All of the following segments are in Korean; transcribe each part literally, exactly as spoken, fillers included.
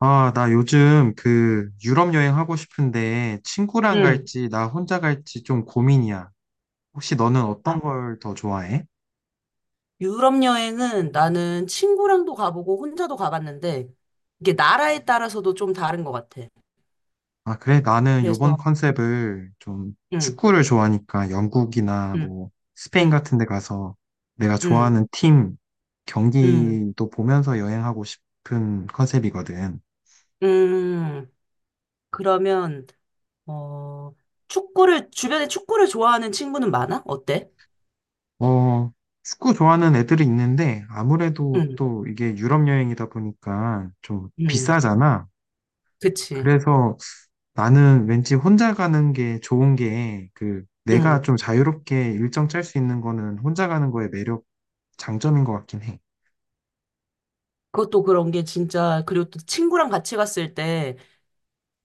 아, 나 요즘 그 유럽 여행 하고 싶은데 친구랑 응. 갈지 나 혼자 갈지 좀 고민이야. 혹시 너는 아, 어떤 걸 더 좋아해? 유럽 여행은 나는 친구랑도 가보고 혼자도 가봤는데 이게 나라에 따라서도 좀 다른 것 같아. 아, 그래? 나는 요번 그래서 응, 컨셉을 좀 응, 축구를 좋아하니까 영국이나 뭐 스페인 응, 같은 데 가서 내가 응, 좋아하는 팀 응, 경기도 보면서 여행하고 싶은 컨셉이거든. 응. 그러면 어 축구를 주변에 축구를 좋아하는 친구는 많아? 어때? 어, 축구 좋아하는 애들이 있는데 아무래도 응, 또 이게 유럽 여행이다 보니까 좀 응, 비싸잖아. 그치. 그래서 나는 왠지 혼자 가는 게 좋은 게, 그, 내가 응. 좀 자유롭게 일정 짤 수 있는 거는 혼자 가는 거의 매력, 장점인 것 같긴 해. 그것도 그런 게 진짜 그리고 또 친구랑 같이 갔을 때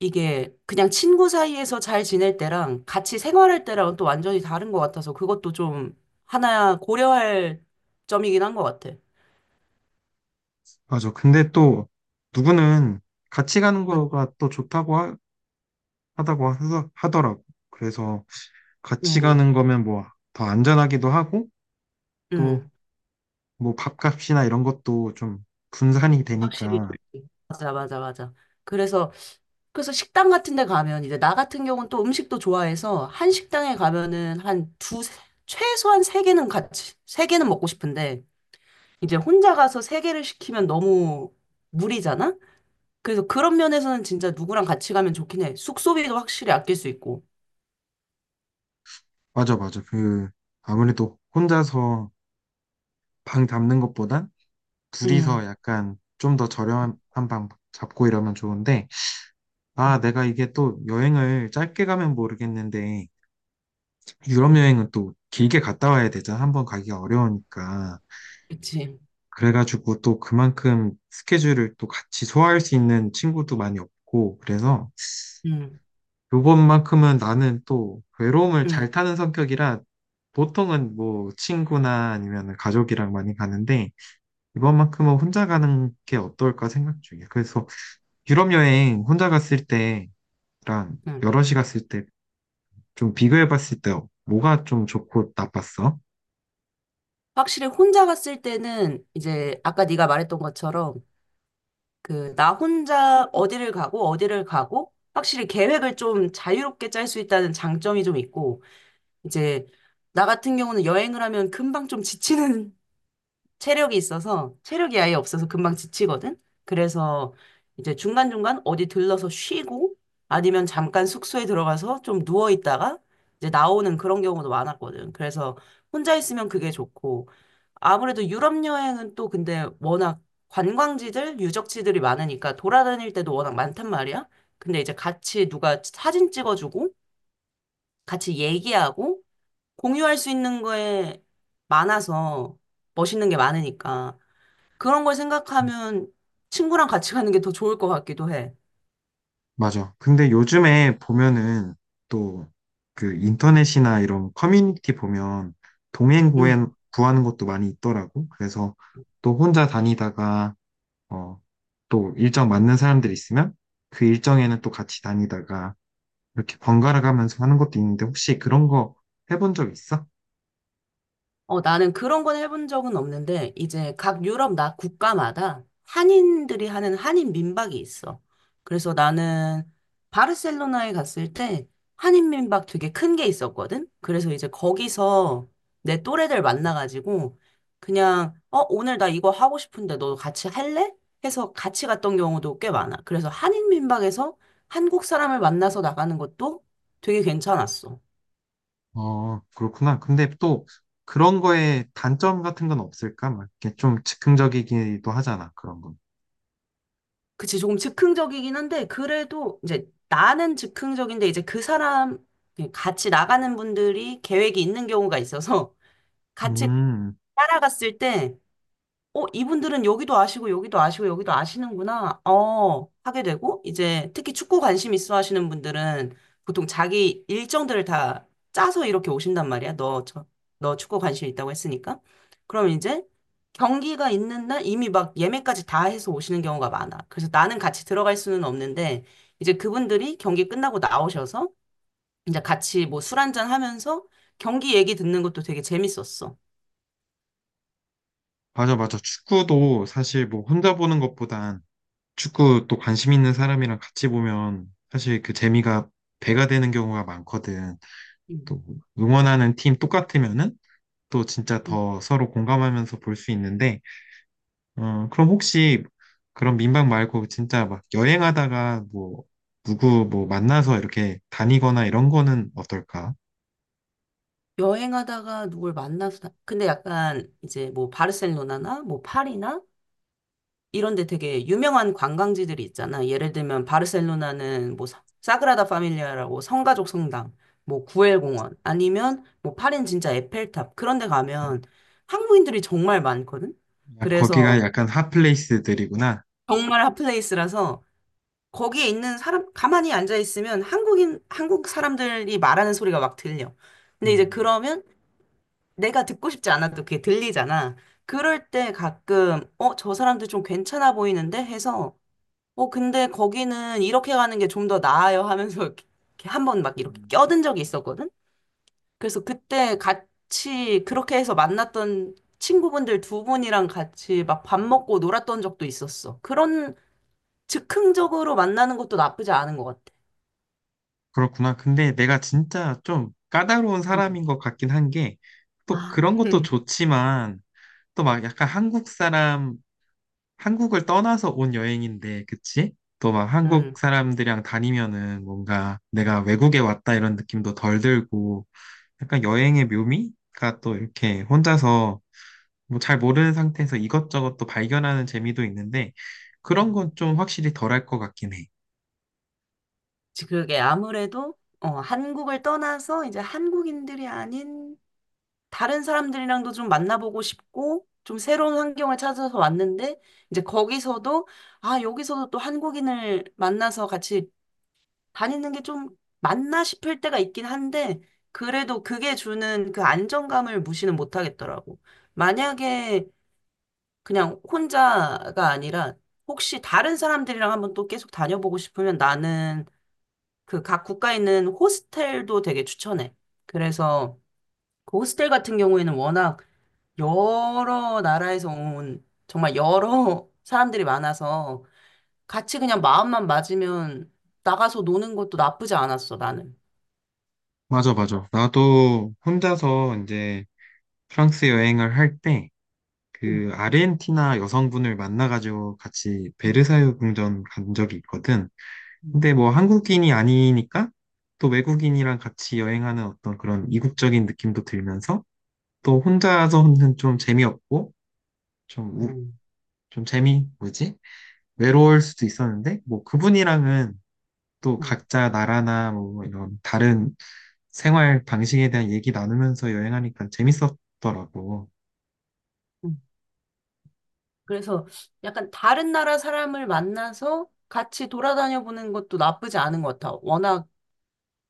이게 그냥 친구 사이에서 잘 지낼 때랑 같이 생활할 때랑은 또 완전히 다른 것 같아서 그것도 좀 하나 고려할 점이긴 한 것 같아. 맞아. 근데 또, 누구는 같이 가는 응, 거가 또 좋다고 하, 다고 하, 하더라고. 그래서 같이 응, 가는 거면 뭐, 더 안전하기도 하고, 또, 응. 뭐, 밥값이나 이런 것도 좀 분산이 확실히. 되니까. 줄게. 맞아, 맞아, 맞아. 그래서, 그래서 식당 같은 데 가면 이제 나 같은 경우는 또 음식도 좋아해서 한 식당에 가면은 한 두, 세- 최소한 세 개는 같이, 세 개는 먹고 싶은데 이제 혼자 가서 세 개를 시키면 너무 무리잖아? 그래서 그런 면에서는 진짜 누구랑 같이 가면 좋긴 해. 숙소비도 확실히 아낄 수 있고. 맞아, 맞아. 그, 아무래도 혼자서 방 잡는 것보단 둘이서 음, 약간 좀 더 저렴한 방 잡고 이러면 좋은데, 아, 음, 내가 이게 또 여행을 짧게 가면 모르겠는데, 유럽 여행은 또 길게 갔다 와야 되잖아. 한 번 가기가 어려우니까. 그치. 그래가지고 또 그만큼 스케줄을 또 같이 소화할 수 있는 친구도 많이 없고, 그래서 음, 요번만큼은 나는 또 외로움을 음, 잘 타는 성격이라 보통은 뭐 친구나 아니면 가족이랑 많이 가는데, 이번만큼은 혼자 가는 게 어떨까 생각 중이야. 그래서 유럽 여행 혼자 갔을 때랑 음. 여럿이 갔을 때 좀 비교해 봤을 때 뭐가 좀 좋고 나빴어? 확실히 혼자 갔을 때는 이제 아까 네가 말했던 것처럼 그 나 혼자 어디를 가고 어디를 가고 확실히 계획을 좀 자유롭게 짤 수 있다는 장점이 좀 있고 이제 나 같은 경우는 여행을 하면 금방 좀 지치는 체력이 있어서 체력이 아예 없어서 금방 지치거든. 그래서 이제 중간중간 어디 들러서 쉬고 아니면 잠깐 숙소에 들어가서 좀 누워 있다가 이제 나오는 그런 경우도 많았거든. 그래서 혼자 있으면 그게 좋고 아무래도 유럽 여행은 또 근데 워낙 관광지들, 유적지들이 많으니까 돌아다닐 때도 워낙 많단 말이야. 근데 이제 같이 누가 사진 찍어주고 같이 얘기하고 공유할 수 있는 거에 많아서 멋있는 게 많으니까. 그런 걸 생각하면 친구랑 같이 가는 게 더 좋을 것 같기도 해. 맞아. 근데 요즘에 보면은 또 그 인터넷이나 이런 커뮤니티 보면 동행 음. 구한, 구하는 것도 많이 있더라고. 그래서 또 혼자 다니다가 어, 또 일정 맞는 사람들 있으면 그 일정에는 또 같이 다니다가 이렇게 번갈아 가면서 하는 것도 있는데 혹시 그런 거 해본 적 있어? 어, 나는 그런 건 해본 적은 없는데, 이제 각 유럽 나 국가마다 한인들이 하는 한인 민박이 있어. 그래서 나는 바르셀로나에 갔을 때 한인 민박 되게 큰 게 있었거든? 그래서 이제 거기서 내 또래들 만나가지고 그냥, 어, 오늘 나 이거 하고 싶은데 너 같이 할래? 해서 같이 갔던 경우도 꽤 많아. 그래서 한인 민박에서 한국 사람을 만나서 나가는 것도 되게 괜찮았어. 어, 그렇구나. 근데 또 그런 거에 단점 같은 건 없을까? 막 이렇게 좀 즉흥적이기도 하잖아, 그런 건. 그치, 조금 즉흥적이긴 한데, 그래도 이제 나는 즉흥적인데, 이제 그 사람, 예, 같이 나가는 분들이 계획이 있는 경우가 있어서 같이 음, 따라갔을 때, 어, 이분들은 여기도 아시고, 여기도 아시고, 여기도 아시는구나. 어, 하게 되고, 이제 특히 축구 관심 있어 하시는 분들은 보통 자기 일정들을 다 짜서 이렇게 오신단 말이야. 너, 저, 너 축구 관심 있다고 했으니까. 그럼 이제 경기가 있는 날 이미 막 예매까지 다 해서 오시는 경우가 많아. 그래서 나는 같이 들어갈 수는 없는데, 이제 그분들이 경기 끝나고 나오셔서 이제 같이 뭐 술 한잔 하면서 경기 얘기 듣는 것도 되게 재밌었어. 맞아, 맞아. 축구도 사실 뭐 혼자 보는 것보단 축구 또 관심 있는 사람이랑 같이 보면 사실 그 재미가 배가 되는 경우가 많거든. 음. 또 응원하는 팀 똑같으면은 또 진짜 더 서로 공감하면서 볼 수 있는데 어, 그럼 혹시 그런 민박 말고 진짜 막 여행하다가 뭐 누구 뭐 만나서 이렇게 다니거나 이런 거는 어떨까? 여행하다가 누굴 만나서, 다- 근데 약간 이제 뭐 바르셀로나나 뭐 파리나 이런 데 되게 유명한 관광지들이 있잖아. 예를 들면 바르셀로나는 뭐 사- 사그라다 파밀리아라고 성가족 성당, 뭐 구엘공원 아니면 뭐 파리는 진짜 에펠탑 그런 데 가면 한국인들이 정말 많거든. 야, 거기가 그래서 약간 핫플레이스들이구나. 정말 핫플레이스라서 거기에 있는 사람 가만히 앉아 있으면 한국인 한국 사람들이 말하는 소리가 막 들려. 근데 이제 음, 그러면 내가 듣고 싶지 않아도 그게 들리잖아. 그럴 때 가끔, 어, 저 사람들 좀 괜찮아 보이는데? 해서, 어, 근데 거기는 이렇게 가는 게 좀 더 나아요 하면서 이렇게 한번 막 이렇게 음, 껴든 적이 있었거든? 그래서 그때 같이 그렇게 해서 만났던 친구분들 두 분이랑 같이 막 밥 먹고 놀았던 적도 있었어. 그런 즉흥적으로 만나는 것도 나쁘지 않은 것 같아. 그렇구나. 근데 내가 진짜 좀 까다로운 응. 사람인 것 같긴 한 게, 또 아, 그런 것도 좋지만, 또 막 약간 한국 사람, 한국을 떠나서 온 여행인데, 그치? 또 막 응, 한국 응. 사람들이랑 다니면은 뭔가 내가 외국에 왔다 이런 느낌도 덜 들고, 약간 여행의 묘미가 또 이렇게 혼자서 뭐 잘 모르는 상태에서 이것저것 또 발견하는 재미도 있는데 그런 응. 건 좀 확실히 덜할 것 같긴 해. 지- 그게 아무래도 어, 한국을 떠나서 이제 한국인들이 아닌 다른 사람들이랑도 좀 만나보고 싶고 좀 새로운 환경을 찾아서 왔는데 이제 거기서도 아, 여기서도 또 한국인을 만나서 같이 다니는 게 좀 맞나 싶을 때가 있긴 한데 그래도 그게 주는 그 안정감을 무시는 못 하겠더라고. 만약에 그냥 혼자가 아니라 혹시 다른 사람들이랑 한번 또 계속 다녀보고 싶으면 나는 그 각 국가에 있는 호스텔도 되게 추천해. 그래서 그 호스텔 같은 경우에는 워낙 여러 나라에서 온 정말 여러 사람들이 많아서 같이 그냥 마음만 맞으면 나가서 노는 것도 나쁘지 않았어, 나는. 맞아, 맞아. 나도 혼자서 이제 프랑스 여행을 할 때 응, 그 아르헨티나 여성분을 만나가지고 같이 응, 베르사유 궁전 간 적이 있거든. 응, 근데 뭐 한국인이 아니니까 또 외국인이랑 같이 여행하는 어떤 그런 이국적인 느낌도 들면서 또 혼자서는 좀 재미없고 좀 응, 좀 재미, 뭐지? 외로울 수도 있었는데, 뭐 그분이랑은 또 응, 각자 나라나 뭐 이런 다른 생활 방식에 대한 얘기 나누면서 여행하니까 재밌었더라고. 응. 그래서 약간 다른 나라 사람을 만나서 같이 돌아다녀 보는 것도 나쁘지 않은 것 같아. 워낙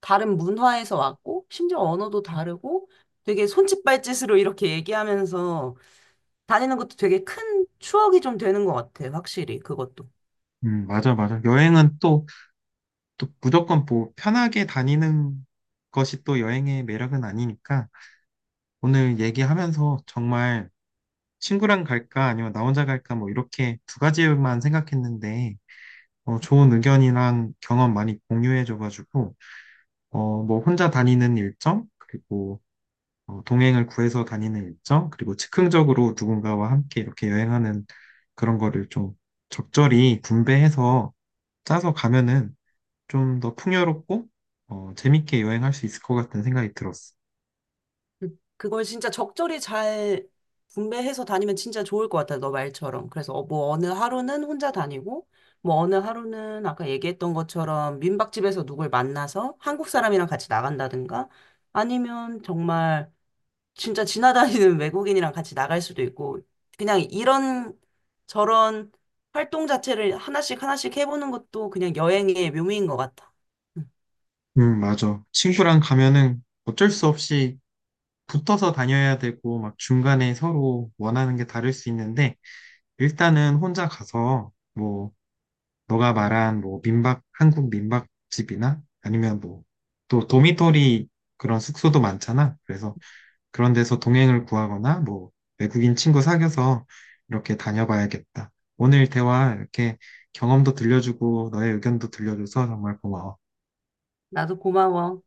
다른 문화에서 왔고, 심지어 언어도 다르고, 되게 손짓발짓으로 이렇게 얘기하면서 다니는 것도 되게 큰 추억이 좀 되는 것 같아, 확실히, 그것도. 음, 맞아, 맞아. 여행은 또, 또 무조건 뭐 편하게 다니는 것이 또 여행의 매력은 아니니까 오늘 얘기하면서 정말 친구랑 갈까 아니면 나 혼자 갈까 뭐 이렇게 두 가지만 생각했는데 어, 좋은 의견이랑 경험 많이 공유해줘가지고 어, 뭐 혼자 다니는 일정, 그리고 어, 동행을 구해서 다니는 일정, 그리고 즉흥적으로 누군가와 함께 이렇게 여행하는 그런 거를 좀 적절히 분배해서 짜서 가면은 좀 더 풍요롭고 어, 재밌게 여행할 수 있을 것 같다는 생각이 들었어. 음. 그걸 진짜 적절히 잘 분배해서 다니면 진짜 좋을 것 같아, 너 말처럼. 그래서 어, 뭐 어느 하루는 혼자 다니고, 뭐 어느 하루는 아까 얘기했던 것처럼 민박집에서 누굴 만나서 한국 사람이랑 같이 나간다든가, 아니면 정말 진짜 지나다니는 외국인이랑 같이 나갈 수도 있고, 그냥 이런 저런 활동 자체를 하나씩 하나씩 해보는 것도 그냥 여행의 묘미인 것 같아. 응. 음, 맞아. 친구랑 가면은 어쩔 수 없이 붙어서 다녀야 되고, 막 중간에 서로 원하는 게 다를 수 있는데, 일단은 혼자 가서, 뭐, 너가 말한 뭐 민박, 한국 민박집이나 아니면 뭐 또 도미토리 그런 숙소도 많잖아. 그래서 그런 데서 동행을 구하거나 뭐 외국인 친구 사귀어서 이렇게 다녀봐야겠다. 오늘 대화 이렇게 경험도 들려주고 너의 의견도 들려줘서 정말 고마워. 나도 고마워.